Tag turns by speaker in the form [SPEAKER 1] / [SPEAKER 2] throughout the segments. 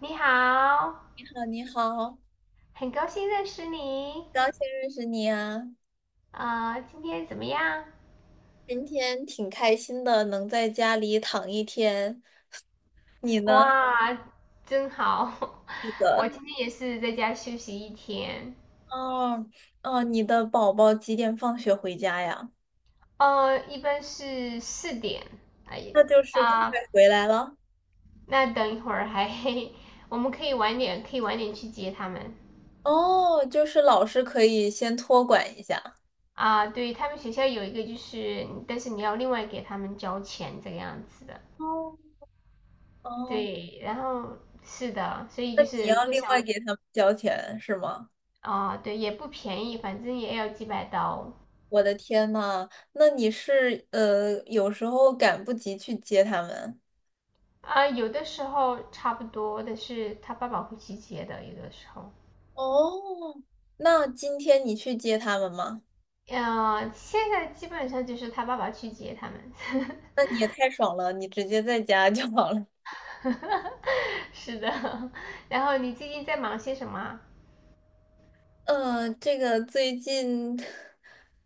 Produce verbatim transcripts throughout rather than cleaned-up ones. [SPEAKER 1] 你好，
[SPEAKER 2] 好，你好，
[SPEAKER 1] 很高兴认识你。
[SPEAKER 2] 高兴认识你啊！
[SPEAKER 1] 啊、今天怎么样？
[SPEAKER 2] 今天挺开心的，能在家里躺一天。你呢？
[SPEAKER 1] 哇，真好！
[SPEAKER 2] 是
[SPEAKER 1] 我
[SPEAKER 2] 的。
[SPEAKER 1] 今天也是在家休息一天。
[SPEAKER 2] 哦哦，你的宝宝几点放学回家呀？
[SPEAKER 1] 呃，一般是四点。哎呀，
[SPEAKER 2] 那就是快
[SPEAKER 1] 啊、
[SPEAKER 2] 回来了。
[SPEAKER 1] 那等一会儿还，我们可以晚点，可以晚点去接他们。
[SPEAKER 2] 哦，就是老师可以先托管一下。
[SPEAKER 1] 啊、对，他们学校有一个就是，但是你要另外给他们交钱这个样子的。
[SPEAKER 2] 哦哦，
[SPEAKER 1] 对，然后是的，所以
[SPEAKER 2] 那
[SPEAKER 1] 就
[SPEAKER 2] 你
[SPEAKER 1] 是
[SPEAKER 2] 要
[SPEAKER 1] 如果
[SPEAKER 2] 另外
[SPEAKER 1] 想
[SPEAKER 2] 给他们交钱是吗？
[SPEAKER 1] 啊，对，也不便宜，反正也要几百刀
[SPEAKER 2] 我的天呐，那你是呃，有时候赶不及去接他们。
[SPEAKER 1] 啊。有的时候差不多的是他爸爸会去接的，有的时候，
[SPEAKER 2] 哦，那今天你去接他们吗？
[SPEAKER 1] 嗯、呃现在基本上就是他爸爸去接他们。
[SPEAKER 2] 那你也太爽了，你直接在家就好了。
[SPEAKER 1] 是的，然后你最近在忙些什么啊
[SPEAKER 2] 嗯，这个最近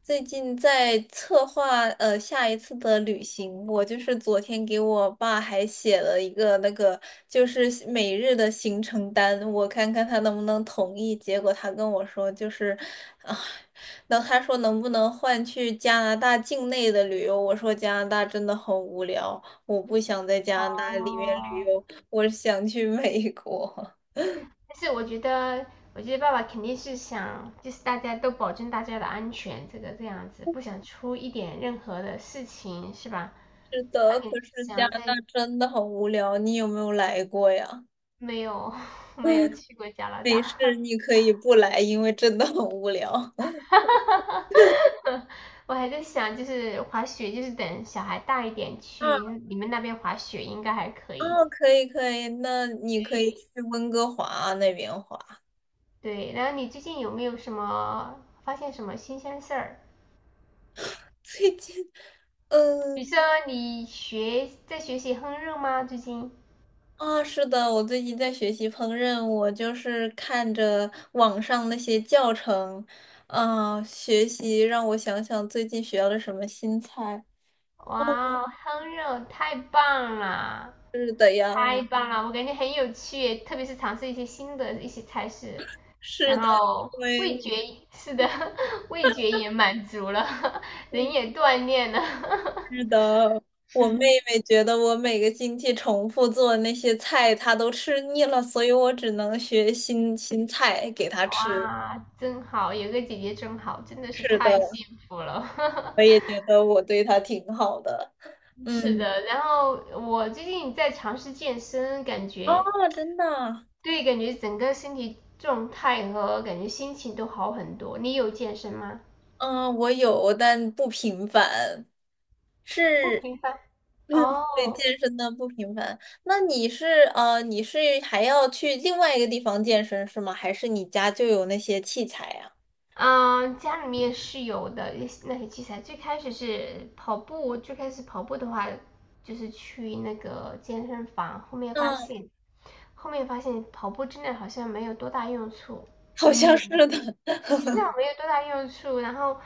[SPEAKER 2] 最近在策划呃下一次的旅行，我就是昨天给我爸还写了一个那个就是每日的行程单，我看看他能不能同意。结果他跟我说就是啊，那他说能不能换去加拿大境内的旅游？我说加拿大真的很无聊，我不想在加拿大里面旅
[SPEAKER 1] 哦，
[SPEAKER 2] 游，我想去美国。
[SPEAKER 1] 但是我觉得，我觉得爸爸肯定是想，就是大家都保证大家的安全，这个这样子，不想出一点任何的事情，是吧？
[SPEAKER 2] 是
[SPEAKER 1] 他
[SPEAKER 2] 的，可
[SPEAKER 1] 肯定是
[SPEAKER 2] 是加
[SPEAKER 1] 想
[SPEAKER 2] 拿大
[SPEAKER 1] 在
[SPEAKER 2] 真的很无聊，你有没有来过呀？
[SPEAKER 1] 没有，没有 去过加拿
[SPEAKER 2] 没事，
[SPEAKER 1] 大。
[SPEAKER 2] 你可以不来，因为真的很无聊。
[SPEAKER 1] 我还在想，就是滑雪，就是等小孩大一点去
[SPEAKER 2] 啊
[SPEAKER 1] 你们那边滑雪，应该还可以。
[SPEAKER 2] 啊，可以可以，那你可以
[SPEAKER 1] 对
[SPEAKER 2] 去温哥华啊那边滑。
[SPEAKER 1] 对，然后你最近有没有什么发现什么新鲜事儿？
[SPEAKER 2] 最近，
[SPEAKER 1] 比如
[SPEAKER 2] 嗯
[SPEAKER 1] 说你学在学习烹饪吗？最近？
[SPEAKER 2] 啊，是的，我最近在学习烹饪，我就是看着网上那些教程，啊，学习让我想想最近学了什么新菜。哦
[SPEAKER 1] 哇，烹饪太棒了，
[SPEAKER 2] 是的呀，
[SPEAKER 1] 太棒了！我感觉很有趣，特别是尝试一些新的一些菜式。
[SPEAKER 2] 是
[SPEAKER 1] 然
[SPEAKER 2] 的，
[SPEAKER 1] 后
[SPEAKER 2] 因为
[SPEAKER 1] 味觉
[SPEAKER 2] 我。
[SPEAKER 1] 是的，味觉也满足了，人也锻炼了，
[SPEAKER 2] 是的，我妹妹觉得我每个星期重复做那些菜，她都吃腻了，所以我只能学新新菜给她吃。
[SPEAKER 1] 哇，真好，有个姐姐真好，真的是
[SPEAKER 2] 是的，
[SPEAKER 1] 太幸福了。
[SPEAKER 2] 我 也觉得我对她挺好的。
[SPEAKER 1] 是
[SPEAKER 2] 嗯，
[SPEAKER 1] 的，然后我最近在尝试健身，感
[SPEAKER 2] 哦，
[SPEAKER 1] 觉
[SPEAKER 2] 真的，
[SPEAKER 1] 对，感觉整个身体状态和感觉心情都好很多。你有健身吗？
[SPEAKER 2] 嗯，我有，但不频繁，
[SPEAKER 1] 不
[SPEAKER 2] 是
[SPEAKER 1] 频繁
[SPEAKER 2] 对
[SPEAKER 1] 哦，
[SPEAKER 2] 健身的不频繁。那你是呃，你是还要去另外一个地方健身是吗？还是你家就有那些器材呀？
[SPEAKER 1] 嗯，家里面是有的一些那些器材。最开始是跑步，最开始跑步的话，就是去那个健身房。后面发
[SPEAKER 2] 嗯，
[SPEAKER 1] 现，后面发现跑步真的好像没有多大用处，
[SPEAKER 2] 好像
[SPEAKER 1] 你真
[SPEAKER 2] 是的。
[SPEAKER 1] 的没有多大用处。然后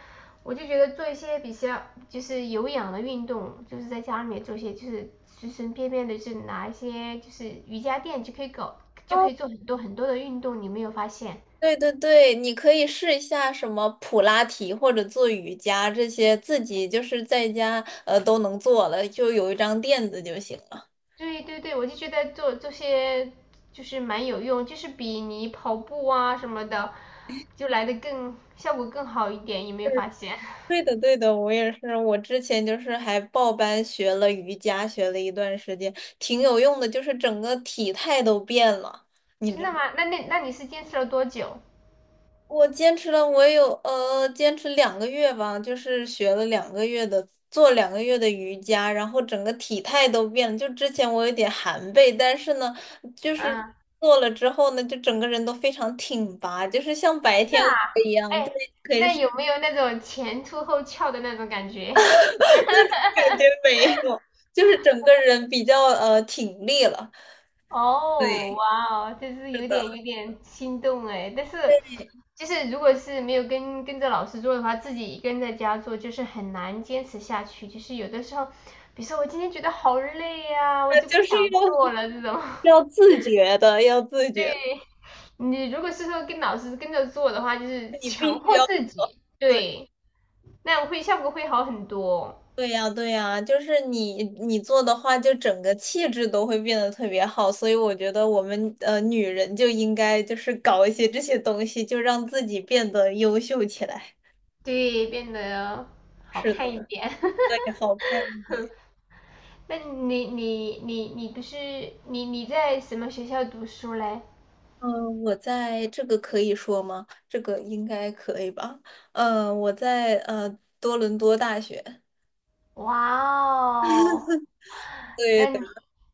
[SPEAKER 1] 我就觉得做一些比较就是有氧的运动，就是在家里面做一些就是随随便便的，就是拿一些就是瑜伽垫就可以搞，就可
[SPEAKER 2] 哦，
[SPEAKER 1] 以做很多很多的运动。你没有发现？
[SPEAKER 2] 对对对，你可以试一下什么普拉提或者做瑜伽这些，自己就是在家呃都能做了，就有一张垫子就行了。
[SPEAKER 1] 对对对，我就觉得做这些就是蛮有用，就是比你跑步啊什么的，就来的更效果更好一点，有没有发现？
[SPEAKER 2] 对的，对的，我也是。我之前就是还报班学了瑜伽，学了一段时间，挺有用的，就是整个体态都变了。你
[SPEAKER 1] 真
[SPEAKER 2] 知？
[SPEAKER 1] 的吗？那那那你是坚持了多久？
[SPEAKER 2] 我坚持了，我也有呃，坚持两个月吧，就是学了两个月的，做两个月的瑜伽，然后整个体态都变了。就之前我有点寒背，但是呢，就是
[SPEAKER 1] 嗯，
[SPEAKER 2] 做了之后呢，就整个人都非常挺拔，就是像白
[SPEAKER 1] 真
[SPEAKER 2] 天
[SPEAKER 1] 的
[SPEAKER 2] 鹅
[SPEAKER 1] 啊？
[SPEAKER 2] 一样。
[SPEAKER 1] 哎，
[SPEAKER 2] 对，可以
[SPEAKER 1] 那
[SPEAKER 2] 是
[SPEAKER 1] 有没有那种前凸后翘的那种感觉？
[SPEAKER 2] 感觉没有，就是整个人比较呃挺立了。对，
[SPEAKER 1] 哦，哇哦，就是
[SPEAKER 2] 是
[SPEAKER 1] 有
[SPEAKER 2] 的，
[SPEAKER 1] 点有点心动哎，但是
[SPEAKER 2] 嗯，
[SPEAKER 1] 就是如果是没有跟跟着老师做的话，自己一个人在家做就是很难坚持下去，就是有的时候，比如说我今天觉得好累呀、我
[SPEAKER 2] 那
[SPEAKER 1] 就不
[SPEAKER 2] 就是
[SPEAKER 1] 想
[SPEAKER 2] 要
[SPEAKER 1] 做了这种。
[SPEAKER 2] 要自觉的，要自
[SPEAKER 1] 对，
[SPEAKER 2] 觉的，
[SPEAKER 1] 你如果是说跟老师跟着做的话，就是
[SPEAKER 2] 你
[SPEAKER 1] 强
[SPEAKER 2] 必须
[SPEAKER 1] 迫
[SPEAKER 2] 要
[SPEAKER 1] 自
[SPEAKER 2] 做。
[SPEAKER 1] 己，
[SPEAKER 2] 对。
[SPEAKER 1] 对，那会效果会好很多，
[SPEAKER 2] 对呀，对呀，就是你你做的话，就整个气质都会变得特别好，所以我觉得我们呃女人就应该就是搞一些这些东西，就让自己变得优秀起来。
[SPEAKER 1] 对，变得好
[SPEAKER 2] 是
[SPEAKER 1] 看一
[SPEAKER 2] 的，
[SPEAKER 1] 点。
[SPEAKER 2] 对，好看一点。
[SPEAKER 1] 那你你你你不是你你在什么学校读书嘞？
[SPEAKER 2] 嗯，我在这个可以说吗？这个应该可以吧？嗯，我在呃多伦多大学，
[SPEAKER 1] 哇哦，
[SPEAKER 2] 对
[SPEAKER 1] 那
[SPEAKER 2] 对，
[SPEAKER 1] 你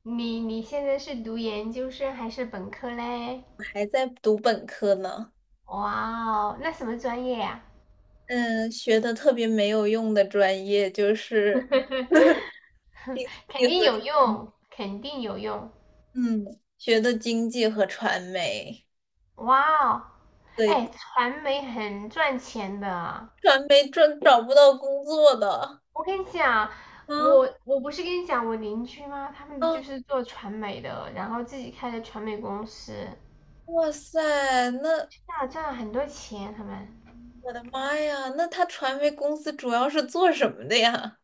[SPEAKER 1] 你你现在是读研究生还是本科嘞？
[SPEAKER 2] 还在读本科呢。
[SPEAKER 1] 哇哦，那什么专业呀、
[SPEAKER 2] 嗯，学的特别没有用的专业就是。
[SPEAKER 1] 肯定有用，肯定有用。
[SPEAKER 2] 嗯，学的经济和传媒，
[SPEAKER 1] 哇哦，
[SPEAKER 2] 对，
[SPEAKER 1] 哎，传媒很赚钱的。
[SPEAKER 2] 传媒赚找不到工作的。
[SPEAKER 1] 我跟你讲，
[SPEAKER 2] 啊
[SPEAKER 1] 我我不是跟你讲我邻居吗？他们就
[SPEAKER 2] 啊，
[SPEAKER 1] 是做传媒的，然后自己开的传媒公司。
[SPEAKER 2] 哇塞，那
[SPEAKER 1] 那我赚了很多钱，他们
[SPEAKER 2] 我的妈呀，那他传媒公司主要是做什么的呀？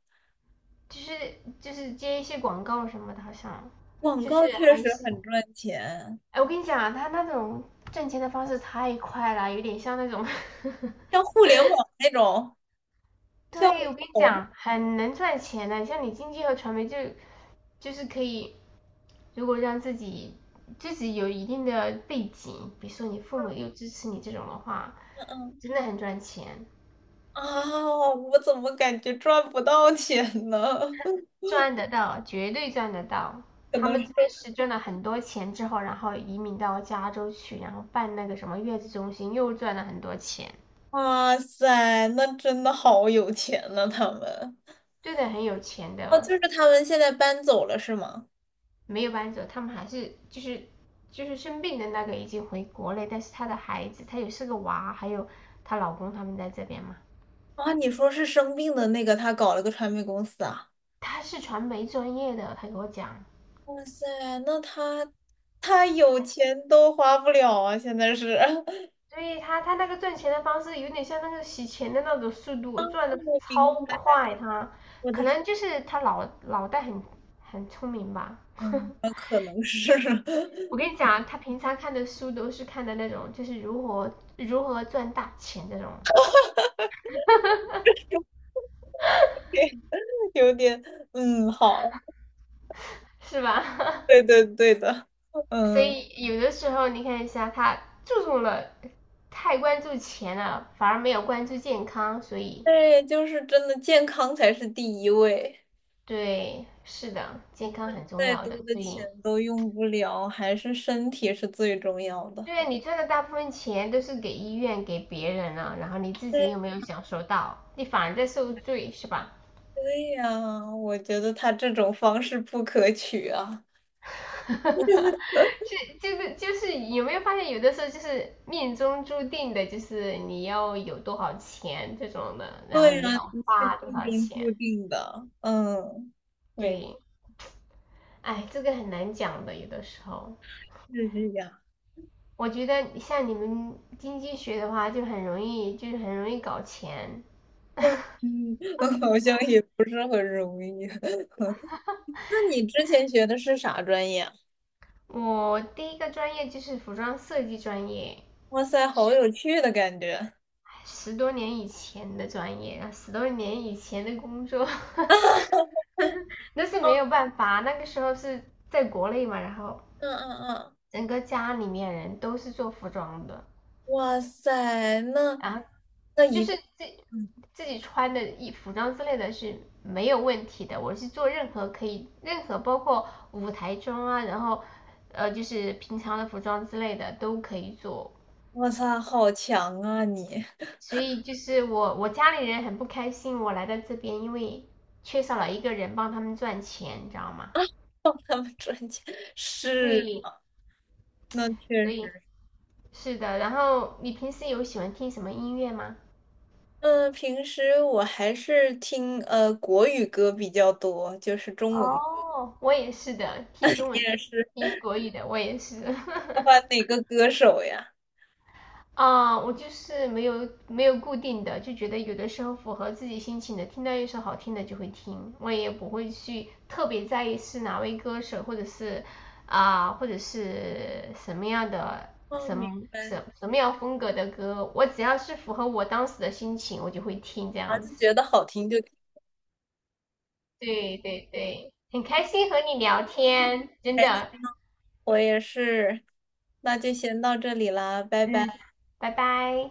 [SPEAKER 1] 就是就是接一些广告什么的，好像
[SPEAKER 2] 广
[SPEAKER 1] 就是
[SPEAKER 2] 告确
[SPEAKER 1] 还
[SPEAKER 2] 实
[SPEAKER 1] 是，
[SPEAKER 2] 很赚钱，
[SPEAKER 1] 哎，我跟你讲啊他那种赚钱的方式太快了，有点像那种
[SPEAKER 2] 像互联网那种，像网
[SPEAKER 1] 对，我跟你
[SPEAKER 2] 红，
[SPEAKER 1] 讲，很能赚钱的，像你经济和传媒就就是可以，如果让自己自己有一定的背景，比如说你父母又支持你这种的话，
[SPEAKER 2] 嗯嗯
[SPEAKER 1] 真的很赚钱。
[SPEAKER 2] 啊，我怎么感觉赚不到钱呢？
[SPEAKER 1] 赚得到，绝对赚得到。
[SPEAKER 2] 可
[SPEAKER 1] 他
[SPEAKER 2] 能
[SPEAKER 1] 们
[SPEAKER 2] 是，
[SPEAKER 1] 真的是赚了很多钱之后，然后移民到加州去，然后办那个什么月子中心，又赚了很多钱。
[SPEAKER 2] 哇塞，那真的好有钱呢，他们。
[SPEAKER 1] 真的，很有钱
[SPEAKER 2] 哦，就
[SPEAKER 1] 的
[SPEAKER 2] 是他们现在搬走了，是吗？
[SPEAKER 1] 没有搬走，他们还是就是就是生病的那个已经回国内，但是他的孩子，他也是个娃，还有她老公他们在这边嘛。
[SPEAKER 2] 啊，你说是生病的那个，他搞了个传媒公司啊？
[SPEAKER 1] 他是传媒专业的，他给我讲，
[SPEAKER 2] 哇塞，那他 他有钱都花不了啊！现在是，
[SPEAKER 1] 所以他他那个赚钱的方式有点像那个洗钱的那种速度，赚的
[SPEAKER 2] 我
[SPEAKER 1] 超
[SPEAKER 2] 明，
[SPEAKER 1] 快他。
[SPEAKER 2] 我
[SPEAKER 1] 可
[SPEAKER 2] 的天，
[SPEAKER 1] 能就是他脑脑袋很很聪明吧。
[SPEAKER 2] 嗯，那可能是
[SPEAKER 1] 我跟你讲啊，他平常看的书都是看的那种，就是如何如何赚大钱那种，
[SPEAKER 2] 有点，嗯，好，
[SPEAKER 1] 是吧？
[SPEAKER 2] 对对对的，
[SPEAKER 1] 所
[SPEAKER 2] 嗯，
[SPEAKER 1] 以有的时候你看一下，他注重了太关注钱了，反而没有关注健康，所以
[SPEAKER 2] 对，就是真的健康才是第一位，
[SPEAKER 1] 对，是的，健康很重
[SPEAKER 2] 再
[SPEAKER 1] 要
[SPEAKER 2] 多
[SPEAKER 1] 的，
[SPEAKER 2] 的
[SPEAKER 1] 所
[SPEAKER 2] 钱
[SPEAKER 1] 以
[SPEAKER 2] 都用不了，还是身体是最重要的。
[SPEAKER 1] 对你赚的大部分钱都是给医院、给别人了，然后你自己又没
[SPEAKER 2] 对
[SPEAKER 1] 有享受到，你反而在受罪，是吧？
[SPEAKER 2] 对呀，我觉得他这种方式不可取啊。
[SPEAKER 1] 是，就是就是有没有发现，有的时候就是命中注定的，就是你要有多少钱这种的，然后
[SPEAKER 2] 对
[SPEAKER 1] 你
[SPEAKER 2] 啊，
[SPEAKER 1] 要
[SPEAKER 2] 不是
[SPEAKER 1] 花多少
[SPEAKER 2] 命
[SPEAKER 1] 钱，
[SPEAKER 2] 中注定的，嗯，没
[SPEAKER 1] 对，哎，这个很难讲的，有的时候。
[SPEAKER 2] 是这样，
[SPEAKER 1] 我觉得像你们经济学的话，就很容易，就是很容易搞钱。
[SPEAKER 2] 嗯嗯，好像也不是很容易。那你之前学的是啥专业啊？
[SPEAKER 1] 我第一个专业就是服装设计专业，
[SPEAKER 2] 哇塞，好有趣的感觉。
[SPEAKER 1] 十多年以前的专业，十多年以前的工作，那是没有办法。那个时候是在国内嘛，然后
[SPEAKER 2] 嗯嗯嗯，
[SPEAKER 1] 整个家里面人都是做服装的，
[SPEAKER 2] 哇塞，那
[SPEAKER 1] 然后
[SPEAKER 2] 那
[SPEAKER 1] 就
[SPEAKER 2] 一
[SPEAKER 1] 是
[SPEAKER 2] 个，
[SPEAKER 1] 自
[SPEAKER 2] 嗯，
[SPEAKER 1] 自己穿的衣服装之类的是没有问题的。我是做任何可以，任何包括舞台装啊，然后呃就是平常的服装之类的都可以做，
[SPEAKER 2] 哇塞，好强啊你！
[SPEAKER 1] 所以就是我我家里人很不开心，我来到这边，因为缺少了一个人帮他们赚钱，你知道吗？
[SPEAKER 2] 他们专家是，
[SPEAKER 1] 对，
[SPEAKER 2] 那
[SPEAKER 1] 所
[SPEAKER 2] 确
[SPEAKER 1] 以
[SPEAKER 2] 实。
[SPEAKER 1] 是的。然后你平时有喜欢听什么音乐吗？
[SPEAKER 2] 嗯，平时我还是听呃国语歌比较多，就是中文
[SPEAKER 1] 哦，我也是的，听中文、
[SPEAKER 2] 电视。
[SPEAKER 1] 听国语的，我也是。
[SPEAKER 2] 喜欢 哪个歌手呀？
[SPEAKER 1] 啊，我就是没有没有固定的，就觉得有的时候符合自己心情的，听到一首好听的就会听，我也不会去特别在意是哪位歌手或者是啊、或者是什么样的
[SPEAKER 2] 哦，
[SPEAKER 1] 什么
[SPEAKER 2] 明白，
[SPEAKER 1] 什什么样风格的歌，我只要是符合我当时的心情，我就会听这
[SPEAKER 2] 啊，
[SPEAKER 1] 样
[SPEAKER 2] 就
[SPEAKER 1] 子。
[SPEAKER 2] 觉得好听就听
[SPEAKER 1] 对对对，很开心和你聊天，真
[SPEAKER 2] 呗。
[SPEAKER 1] 的，
[SPEAKER 2] 我也是，那就先到这里啦，拜
[SPEAKER 1] 嗯，
[SPEAKER 2] 拜。
[SPEAKER 1] 拜拜。